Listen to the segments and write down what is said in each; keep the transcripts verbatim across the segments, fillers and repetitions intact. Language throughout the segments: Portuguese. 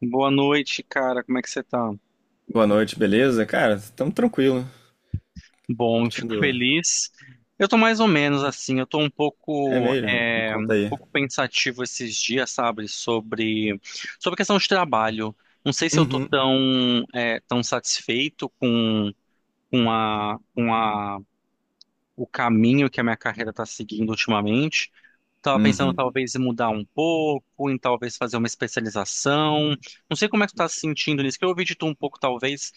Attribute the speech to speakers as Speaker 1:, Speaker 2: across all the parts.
Speaker 1: Boa noite, cara. Como é que você tá?
Speaker 2: Boa noite, beleza? Cara, estamos tranquilo,
Speaker 1: Bom, fico
Speaker 2: curtindo.
Speaker 1: feliz. Eu tô mais ou menos assim, eu tô um
Speaker 2: É
Speaker 1: pouco,
Speaker 2: mesmo, me
Speaker 1: é,
Speaker 2: conta
Speaker 1: um
Speaker 2: aí.
Speaker 1: pouco pensativo esses dias, sabe, sobre, sobre a questão de trabalho. Não sei se eu tô
Speaker 2: Uhum,
Speaker 1: tão, é, tão satisfeito com, com a, com a, o caminho que a minha carreira tá seguindo ultimamente. Tava pensando
Speaker 2: uhum.
Speaker 1: talvez em mudar um pouco, em talvez fazer uma especialização. Não sei como é que tu tá se sentindo nisso, que eu ouvi de tu um pouco, talvez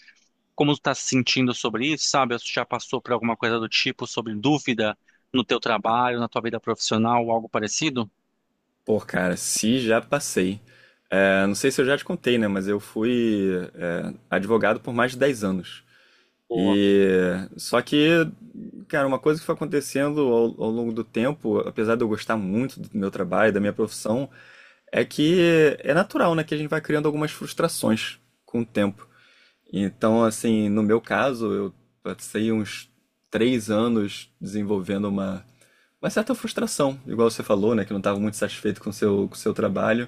Speaker 1: como tu tá se sentindo sobre isso, sabe? Ou tu já passou por alguma coisa do tipo, sobre dúvida no teu trabalho, na tua vida profissional, algo parecido?
Speaker 2: Pô, cara, se já passei. É, não sei se eu já te contei, né? Mas eu fui é, advogado por mais de dez anos.
Speaker 1: Boa.
Speaker 2: E só que, cara, uma coisa que foi acontecendo ao, ao longo do tempo, apesar de eu gostar muito do meu trabalho, da minha profissão, é que é natural, né, que a gente vai criando algumas frustrações com o tempo. Então, assim, no meu caso, eu passei uns três anos desenvolvendo uma, uma certa frustração, igual você falou, né, que não estava muito satisfeito com o seu, com o seu trabalho.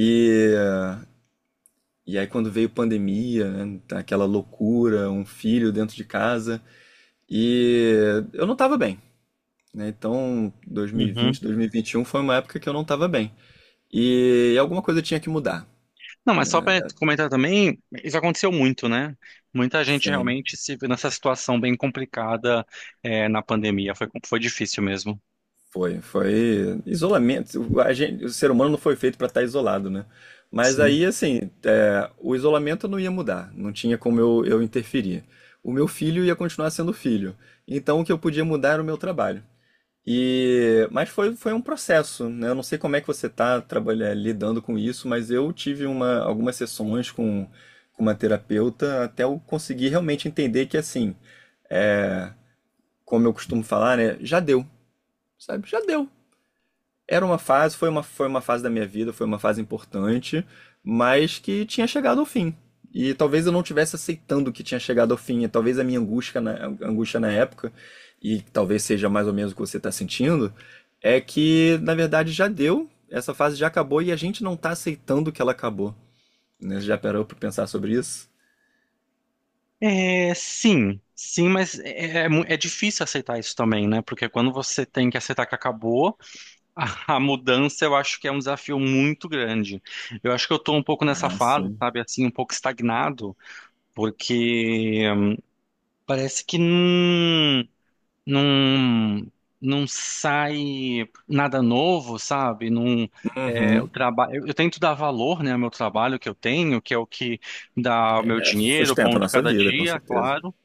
Speaker 2: E, e aí, quando veio pandemia, né, aquela loucura, um filho dentro de casa, e eu não estava bem, né? Então,
Speaker 1: Uhum.
Speaker 2: dois mil e vinte, dois mil e vinte e um foi uma época que eu não estava bem. E alguma coisa tinha que mudar,
Speaker 1: Não, mas só
Speaker 2: né?
Speaker 1: para comentar também, isso aconteceu muito, né? Muita gente
Speaker 2: Sim.
Speaker 1: realmente se viu nessa situação bem complicada, é, na pandemia. Foi, foi difícil mesmo.
Speaker 2: Foi, foi isolamento. O, a gente- o ser humano não foi feito para estar isolado, né? Mas
Speaker 1: Sim.
Speaker 2: aí, assim, é, o isolamento não ia mudar, não tinha como eu, eu interferir. O meu filho ia continuar sendo filho. Então, o que eu podia mudar era o meu trabalho. E, mas foi, foi um processo, né? Eu não sei como é que você está trabalhando, lidando com isso, mas eu tive uma, algumas sessões com, com uma terapeuta até eu conseguir realmente entender que, assim, é, como eu costumo falar, né? Já deu, sabe? Já deu. Era uma fase, foi uma, foi uma fase da minha vida, foi uma fase importante, mas que tinha chegado ao fim. E talvez eu não tivesse aceitando que tinha chegado ao fim, e talvez a minha angústia na, angústia na época, e talvez seja mais ou menos o que você está sentindo, é que na verdade já deu, essa fase já acabou e a gente não tá aceitando que ela acabou. Né? Já parou pra pensar sobre isso?
Speaker 1: É, sim, sim, mas é, é mu- é difícil aceitar isso também, né? Porque quando você tem que aceitar que acabou, a mudança eu acho que é um desafio muito grande. Eu acho que eu estou um pouco nessa
Speaker 2: Ah,
Speaker 1: fase,
Speaker 2: sim.
Speaker 1: sabe, assim, um pouco estagnado, porque parece que não, não, não sai nada novo, sabe? Não, é, o
Speaker 2: Uhum.
Speaker 1: trabalho, eu, eu tento dar valor, né, ao meu trabalho que eu tenho, que é o que dá o meu
Speaker 2: É,
Speaker 1: dinheiro, o pão
Speaker 2: sustenta a
Speaker 1: de
Speaker 2: nossa
Speaker 1: cada
Speaker 2: vida, com
Speaker 1: dia,
Speaker 2: certeza.
Speaker 1: claro,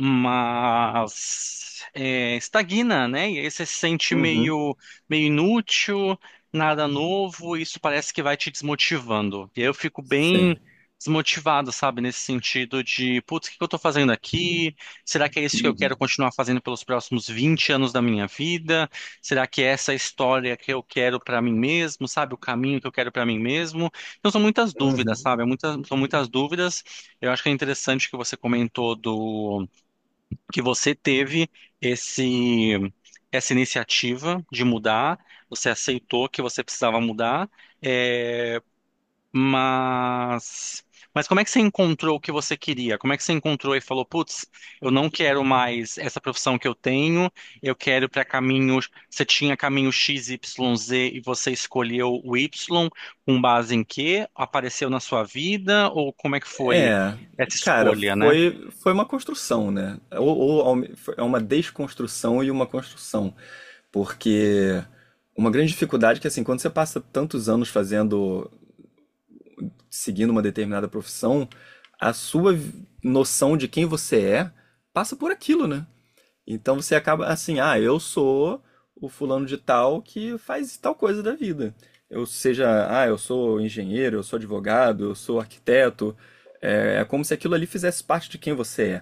Speaker 1: mas é, estagna, né? E aí você se sente
Speaker 2: Uhum.
Speaker 1: meio, meio inútil, nada novo, e isso parece que vai te desmotivando. E aí eu fico
Speaker 2: Sim.
Speaker 1: bem desmotivado, sabe? Nesse sentido de, putz, o que que eu tô fazendo aqui? Será que é isso que eu
Speaker 2: Uhum.
Speaker 1: quero continuar fazendo pelos próximos vinte anos da minha vida? Será que é essa a história que eu quero pra mim mesmo, sabe? O caminho que eu quero pra mim mesmo? Então são muitas dúvidas,
Speaker 2: Uhum.
Speaker 1: sabe? Muitas, são muitas dúvidas. Eu acho que é interessante que você comentou do que você teve esse essa iniciativa de mudar, você aceitou que você precisava mudar, é, mas mas como é que você encontrou o que você queria? Como é que você encontrou e falou, putz, eu não quero mais essa profissão que eu tenho, eu quero para caminhos. Você tinha caminho X, Y, Z e você escolheu o Y com base em quê? Apareceu na sua vida ou como é que foi
Speaker 2: É,
Speaker 1: essa
Speaker 2: cara,
Speaker 1: escolha, né?
Speaker 2: foi, foi uma construção, né? Ou, ou ao me- foi- é uma desconstrução e uma construção. Porque uma grande dificuldade é que, assim, quando você passa tantos anos fazendo, seguindo uma determinada profissão, a sua vi- noção de quem você é passa por aquilo, né? Então você acaba assim, ah, eu sou o fulano de tal que faz tal coisa da vida. Eu seja, ah, eu sou engenheiro, eu sou advogado, eu sou arquiteto. É, é como se aquilo ali fizesse parte de quem você é.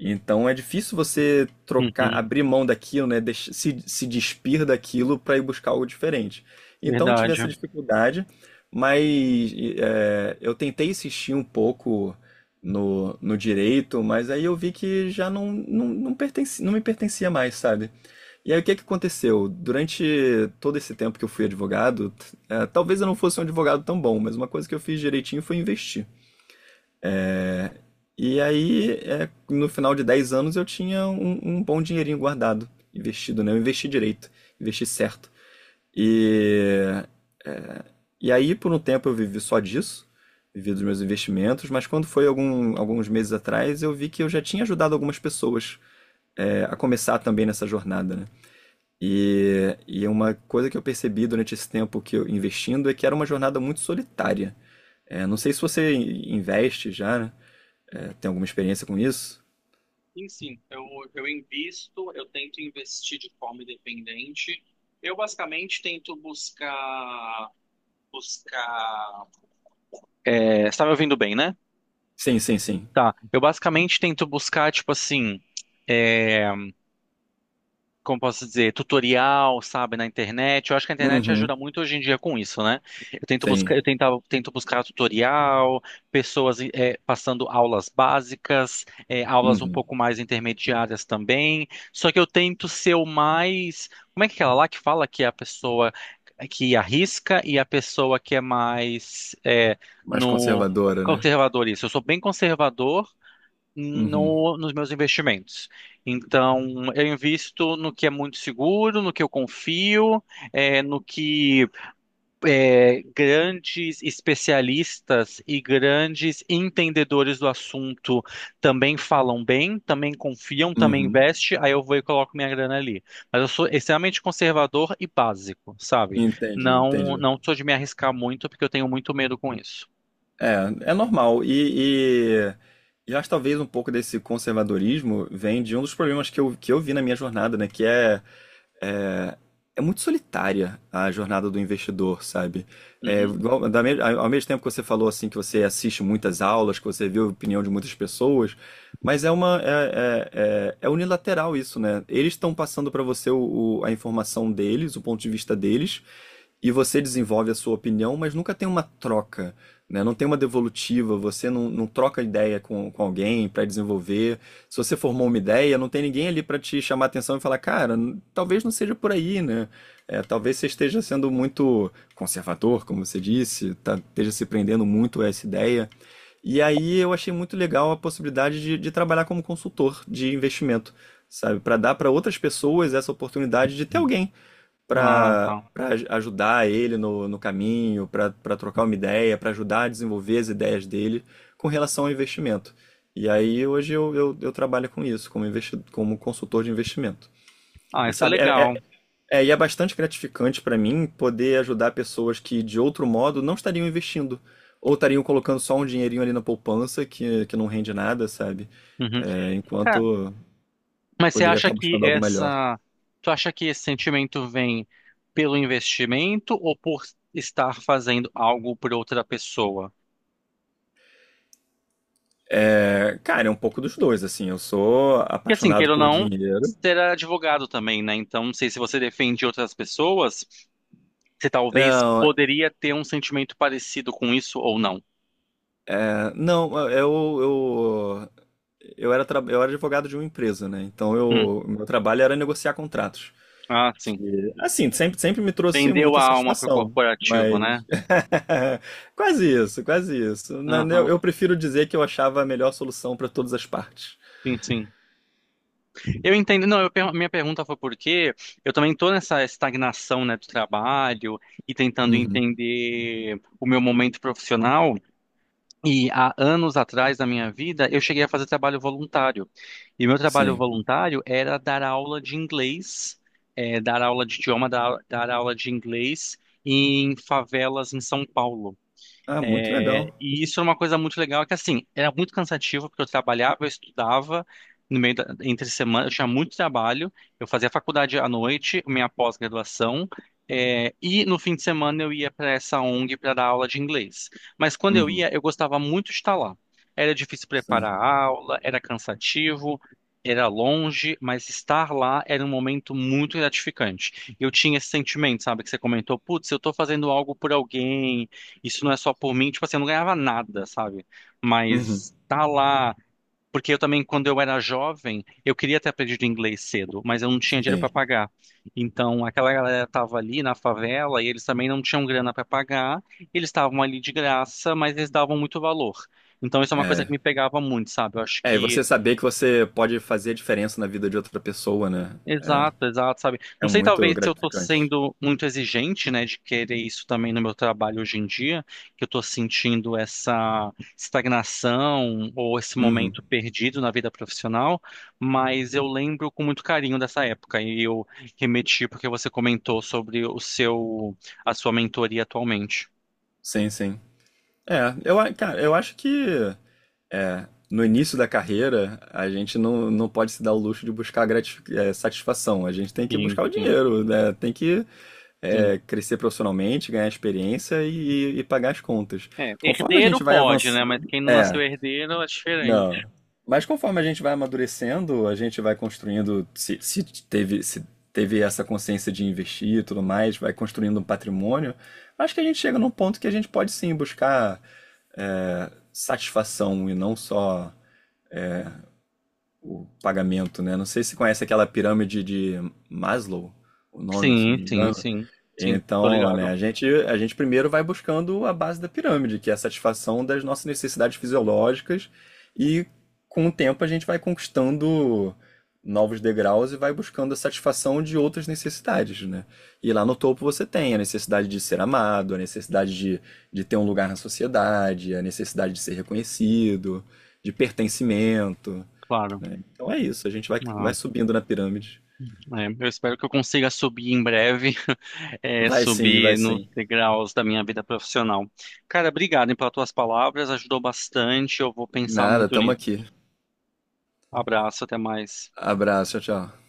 Speaker 2: Então é difícil você trocar,
Speaker 1: Uhum,
Speaker 2: abrir mão daquilo, né? deix- Se, se despir daquilo para ir buscar algo diferente. Então eu tive
Speaker 1: verdade.
Speaker 2: essa dificuldade, mas é, eu tentei insistir um pouco no, no direito, mas aí eu vi que já não, não, não pertence, não me pertencia mais, sabe? E aí o que que aconteceu? Durante todo esse tempo que eu fui advogado, t- é, talvez eu não fosse um advogado tão bom, mas uma coisa que eu fiz direitinho foi investir. E aí, é, no final de dez anos, eu tinha um, um bom dinheirinho guardado, investido, né? Eu investi direito, investi certo. E, é, e aí, por um tempo, eu vivi só disso, vivi dos meus investimentos, mas quando foi algum, alguns meses atrás, eu vi que eu já tinha ajudado algumas pessoas é, a começar também nessa jornada, né? E, e uma coisa que eu percebi durante esse tempo que eu investindo é que era uma jornada muito solitária. É, não sei se você investe já, né? É, tem alguma experiência com isso?
Speaker 1: Sim, sim, eu, eu invisto, eu tento investir de forma independente. Eu basicamente tento buscar, buscar. É, você está me ouvindo bem, né?
Speaker 2: Sim, sim, sim.
Speaker 1: Tá. Eu basicamente tento buscar, tipo assim, como posso dizer, tutorial, sabe, na internet. Eu acho que a internet
Speaker 2: Uhum.
Speaker 1: ajuda muito hoje em dia com isso, né? Eu tento buscar,
Speaker 2: Sim.
Speaker 1: eu tentava, tento buscar tutorial, pessoas eh, passando aulas básicas, eh, aulas um
Speaker 2: Uhum.
Speaker 1: pouco mais intermediárias também. Só que eu tento ser o mais, como é que é aquela lá que fala que é a pessoa que arrisca e a pessoa que é mais eh,
Speaker 2: Mais
Speaker 1: no
Speaker 2: conservadora, né?
Speaker 1: conservador isso. Eu sou bem conservador
Speaker 2: Uhum.
Speaker 1: no- nos meus investimentos. Então, eu invisto no que é muito seguro, no que eu confio, é, no que é, grandes especialistas e grandes entendedores do assunto também falam bem, também confiam, também
Speaker 2: Uhum.
Speaker 1: investem, aí eu vou e coloco minha grana ali. Mas eu sou extremamente conservador e básico, sabe?
Speaker 2: Entendi,
Speaker 1: Não,
Speaker 2: entendi.
Speaker 1: não sou de me arriscar muito, porque eu tenho muito medo com isso.
Speaker 2: É, é normal. E, e, e acho que talvez um pouco desse conservadorismo vem de um dos problemas que eu, que eu vi na minha jornada, né? Que é é, é muito solitária a jornada do investidor, sabe? É,
Speaker 1: Uhum.
Speaker 2: igual- da me- ao mesmo tempo que você falou assim que você assiste muitas aulas, que você vê a opinião de muitas pessoas, mas é uma é, é- é- é unilateral isso, né? Eles estão passando para você o- o- a informação deles, o ponto de vista deles, e você desenvolve a sua opinião, mas nunca tem uma troca, né? Não tem uma devolutiva, você não, não troca ideia com, com alguém para desenvolver se você formou uma ideia, não tem ninguém ali para te chamar a atenção e falar, cara, n- talvez não seja por aí, né? É, talvez você esteja sendo muito conservador, como você disse, tá- esteja se prendendo muito a essa ideia. E aí eu achei muito legal a possibilidade de, de trabalhar como consultor de investimento, sabe? Para dar para outras pessoas essa oportunidade de ter alguém
Speaker 1: Ah,
Speaker 2: para
Speaker 1: tá.
Speaker 2: ajudar ele no, no caminho, para trocar uma ideia, para ajudar a desenvolver as ideias dele com relação ao investimento. E aí hoje eu, eu, eu trabalho com isso, como, investi como consultor de investimento.
Speaker 1: Ah,
Speaker 2: E
Speaker 1: isso é
Speaker 2: sabe, é,
Speaker 1: legal.
Speaker 2: é, é, e é bastante gratificante para mim poder ajudar pessoas que de outro modo não estariam investindo, ou estariam colocando só um dinheirinho ali na poupança que, que não rende nada, sabe?
Speaker 1: Uhum.
Speaker 2: É, enquanto
Speaker 1: Mas você
Speaker 2: poderia
Speaker 1: acha
Speaker 2: estar
Speaker 1: que
Speaker 2: buscando algo melhor.
Speaker 1: essa, tu acha que esse sentimento vem pelo investimento ou por estar fazendo algo por outra pessoa?
Speaker 2: Cara, é um pouco dos dois, assim. Eu sou
Speaker 1: Porque assim,
Speaker 2: apaixonado
Speaker 1: queira ou
Speaker 2: por
Speaker 1: não,
Speaker 2: dinheiro.
Speaker 1: você era advogado também, né? Então, não sei se você defende outras pessoas, você talvez
Speaker 2: Não, é,
Speaker 1: poderia ter um sentimento parecido com isso ou não.
Speaker 2: não, eu, eu, eu, era, tra- eu era advogado de uma empresa, né? Então,
Speaker 1: Hum.
Speaker 2: eu, meu trabalho era negociar contratos.
Speaker 1: Ah,
Speaker 2: Que,
Speaker 1: sim.
Speaker 2: assim, sempre, sempre me trouxe
Speaker 1: Vendeu
Speaker 2: muita
Speaker 1: a alma pro
Speaker 2: satisfação.
Speaker 1: corporativo,
Speaker 2: Mas
Speaker 1: né?
Speaker 2: quase isso, quase isso. Na- né, Eu,
Speaker 1: Aham.
Speaker 2: eu prefiro dizer que eu achava a melhor solução para todas as partes.
Speaker 1: Sim, sim. Eu entendo, não, eu per- minha pergunta foi porque eu também estou nessa estagnação, né, do trabalho e tentando
Speaker 2: Uhum.
Speaker 1: entender o meu momento profissional. E há anos atrás da minha vida, eu cheguei a fazer trabalho voluntário. E o meu trabalho
Speaker 2: Sim.
Speaker 1: voluntário era dar aula de inglês, eh, dar aula de idioma, dar, dar aula de inglês em favelas em São Paulo.
Speaker 2: Ah, muito
Speaker 1: É,
Speaker 2: legal.
Speaker 1: e isso era uma coisa muito legal, que assim, era muito cansativo, porque eu trabalhava, eu estudava, no meio da, entre semana, eu tinha muito trabalho, eu fazia faculdade à noite, minha pós-graduação, é, e no fim de semana eu ia para essa ONG para dar aula de inglês. Mas quando eu
Speaker 2: Uhum.
Speaker 1: ia, eu gostava muito de estar lá. Era difícil
Speaker 2: Sim.
Speaker 1: preparar a aula, era cansativo, era longe, mas estar lá era um momento muito gratificante. Eu tinha esse sentimento, sabe, que você comentou, putz, eu estou fazendo algo por alguém, isso não é só por mim, tipo assim, eu não ganhava nada, sabe?
Speaker 2: Uhum.
Speaker 1: Mas tá lá. Porque eu também, quando eu era jovem, eu queria ter aprendido inglês cedo, mas eu não tinha dinheiro
Speaker 2: Sim.
Speaker 1: para pagar. Então, aquela galera tava ali na favela e eles também não tinham grana para pagar, eles estavam ali de graça, mas eles davam muito valor. Então, isso é uma coisa que
Speaker 2: É.
Speaker 1: me pegava muito, sabe? Eu acho
Speaker 2: É, e
Speaker 1: que
Speaker 2: você saber que você pode fazer a diferença na vida de outra pessoa, né?
Speaker 1: exato, exato, sabe?
Speaker 2: É, é
Speaker 1: Não sei,
Speaker 2: muito
Speaker 1: talvez se eu tô
Speaker 2: gratificante.
Speaker 1: sendo muito exigente, né, de querer isso também no meu trabalho hoje em dia, que eu tô sentindo essa estagnação ou esse
Speaker 2: Uhum.
Speaker 1: momento perdido na vida profissional, mas eu lembro com muito carinho dessa época e eu remeti porque você comentou sobre o seu, a sua mentoria atualmente.
Speaker 2: Sim, sim. É, eu, a- cara, eu acho que é, no início da carreira a gente não, não pode se dar o luxo de buscar gratifi- é, satisfação. A gente tem que
Speaker 1: Sim,
Speaker 2: buscar o
Speaker 1: sim,
Speaker 2: dinheiro, né? Tem que
Speaker 1: sim.
Speaker 2: é, crescer profissionalmente, ganhar experiência e, e pagar as contas.
Speaker 1: É,
Speaker 2: Conforme a
Speaker 1: herdeiro
Speaker 2: gente vai
Speaker 1: pode, né, mas
Speaker 2: avançando,
Speaker 1: quem não nasceu
Speaker 2: é.
Speaker 1: herdeiro é diferente.
Speaker 2: Não. Mas conforme a gente vai amadurecendo, a gente vai construindo, se, se teve, se teve essa consciência de investir e tudo mais, vai construindo um patrimônio, acho que a gente chega num ponto que a gente pode sim buscar é, satisfação e não só o pagamento, né? Não sei se você conhece aquela pirâmide de Maslow, o nome, se não
Speaker 1: Sim,
Speaker 2: me
Speaker 1: sim,
Speaker 2: engano.
Speaker 1: sim, sim, tô
Speaker 2: Então, né,
Speaker 1: ligado,
Speaker 2: a gente, a gente primeiro vai buscando a base da pirâmide, que é a satisfação das nossas necessidades fisiológicas, e com o tempo a gente vai conquistando novos degraus e vai buscando a satisfação de outras necessidades, né? E lá no topo você tem a necessidade de ser amado, a necessidade de, de ter um lugar na sociedade, a necessidade de ser reconhecido, de pertencimento,
Speaker 1: claro.
Speaker 2: né? Então é isso, a gente vai,
Speaker 1: Ah.
Speaker 2: vai subindo na pirâmide.
Speaker 1: É, eu espero que eu consiga subir em breve, é,
Speaker 2: Vai sim,
Speaker 1: subir
Speaker 2: vai
Speaker 1: nos
Speaker 2: sim.
Speaker 1: degraus da minha vida profissional. Cara, obrigado, hein, pelas tuas palavras, ajudou bastante. Eu vou pensar
Speaker 2: Nada,
Speaker 1: muito
Speaker 2: tamo
Speaker 1: nisso.
Speaker 2: aqui.
Speaker 1: Abraço, até mais.
Speaker 2: Abraço, tchau, tchau.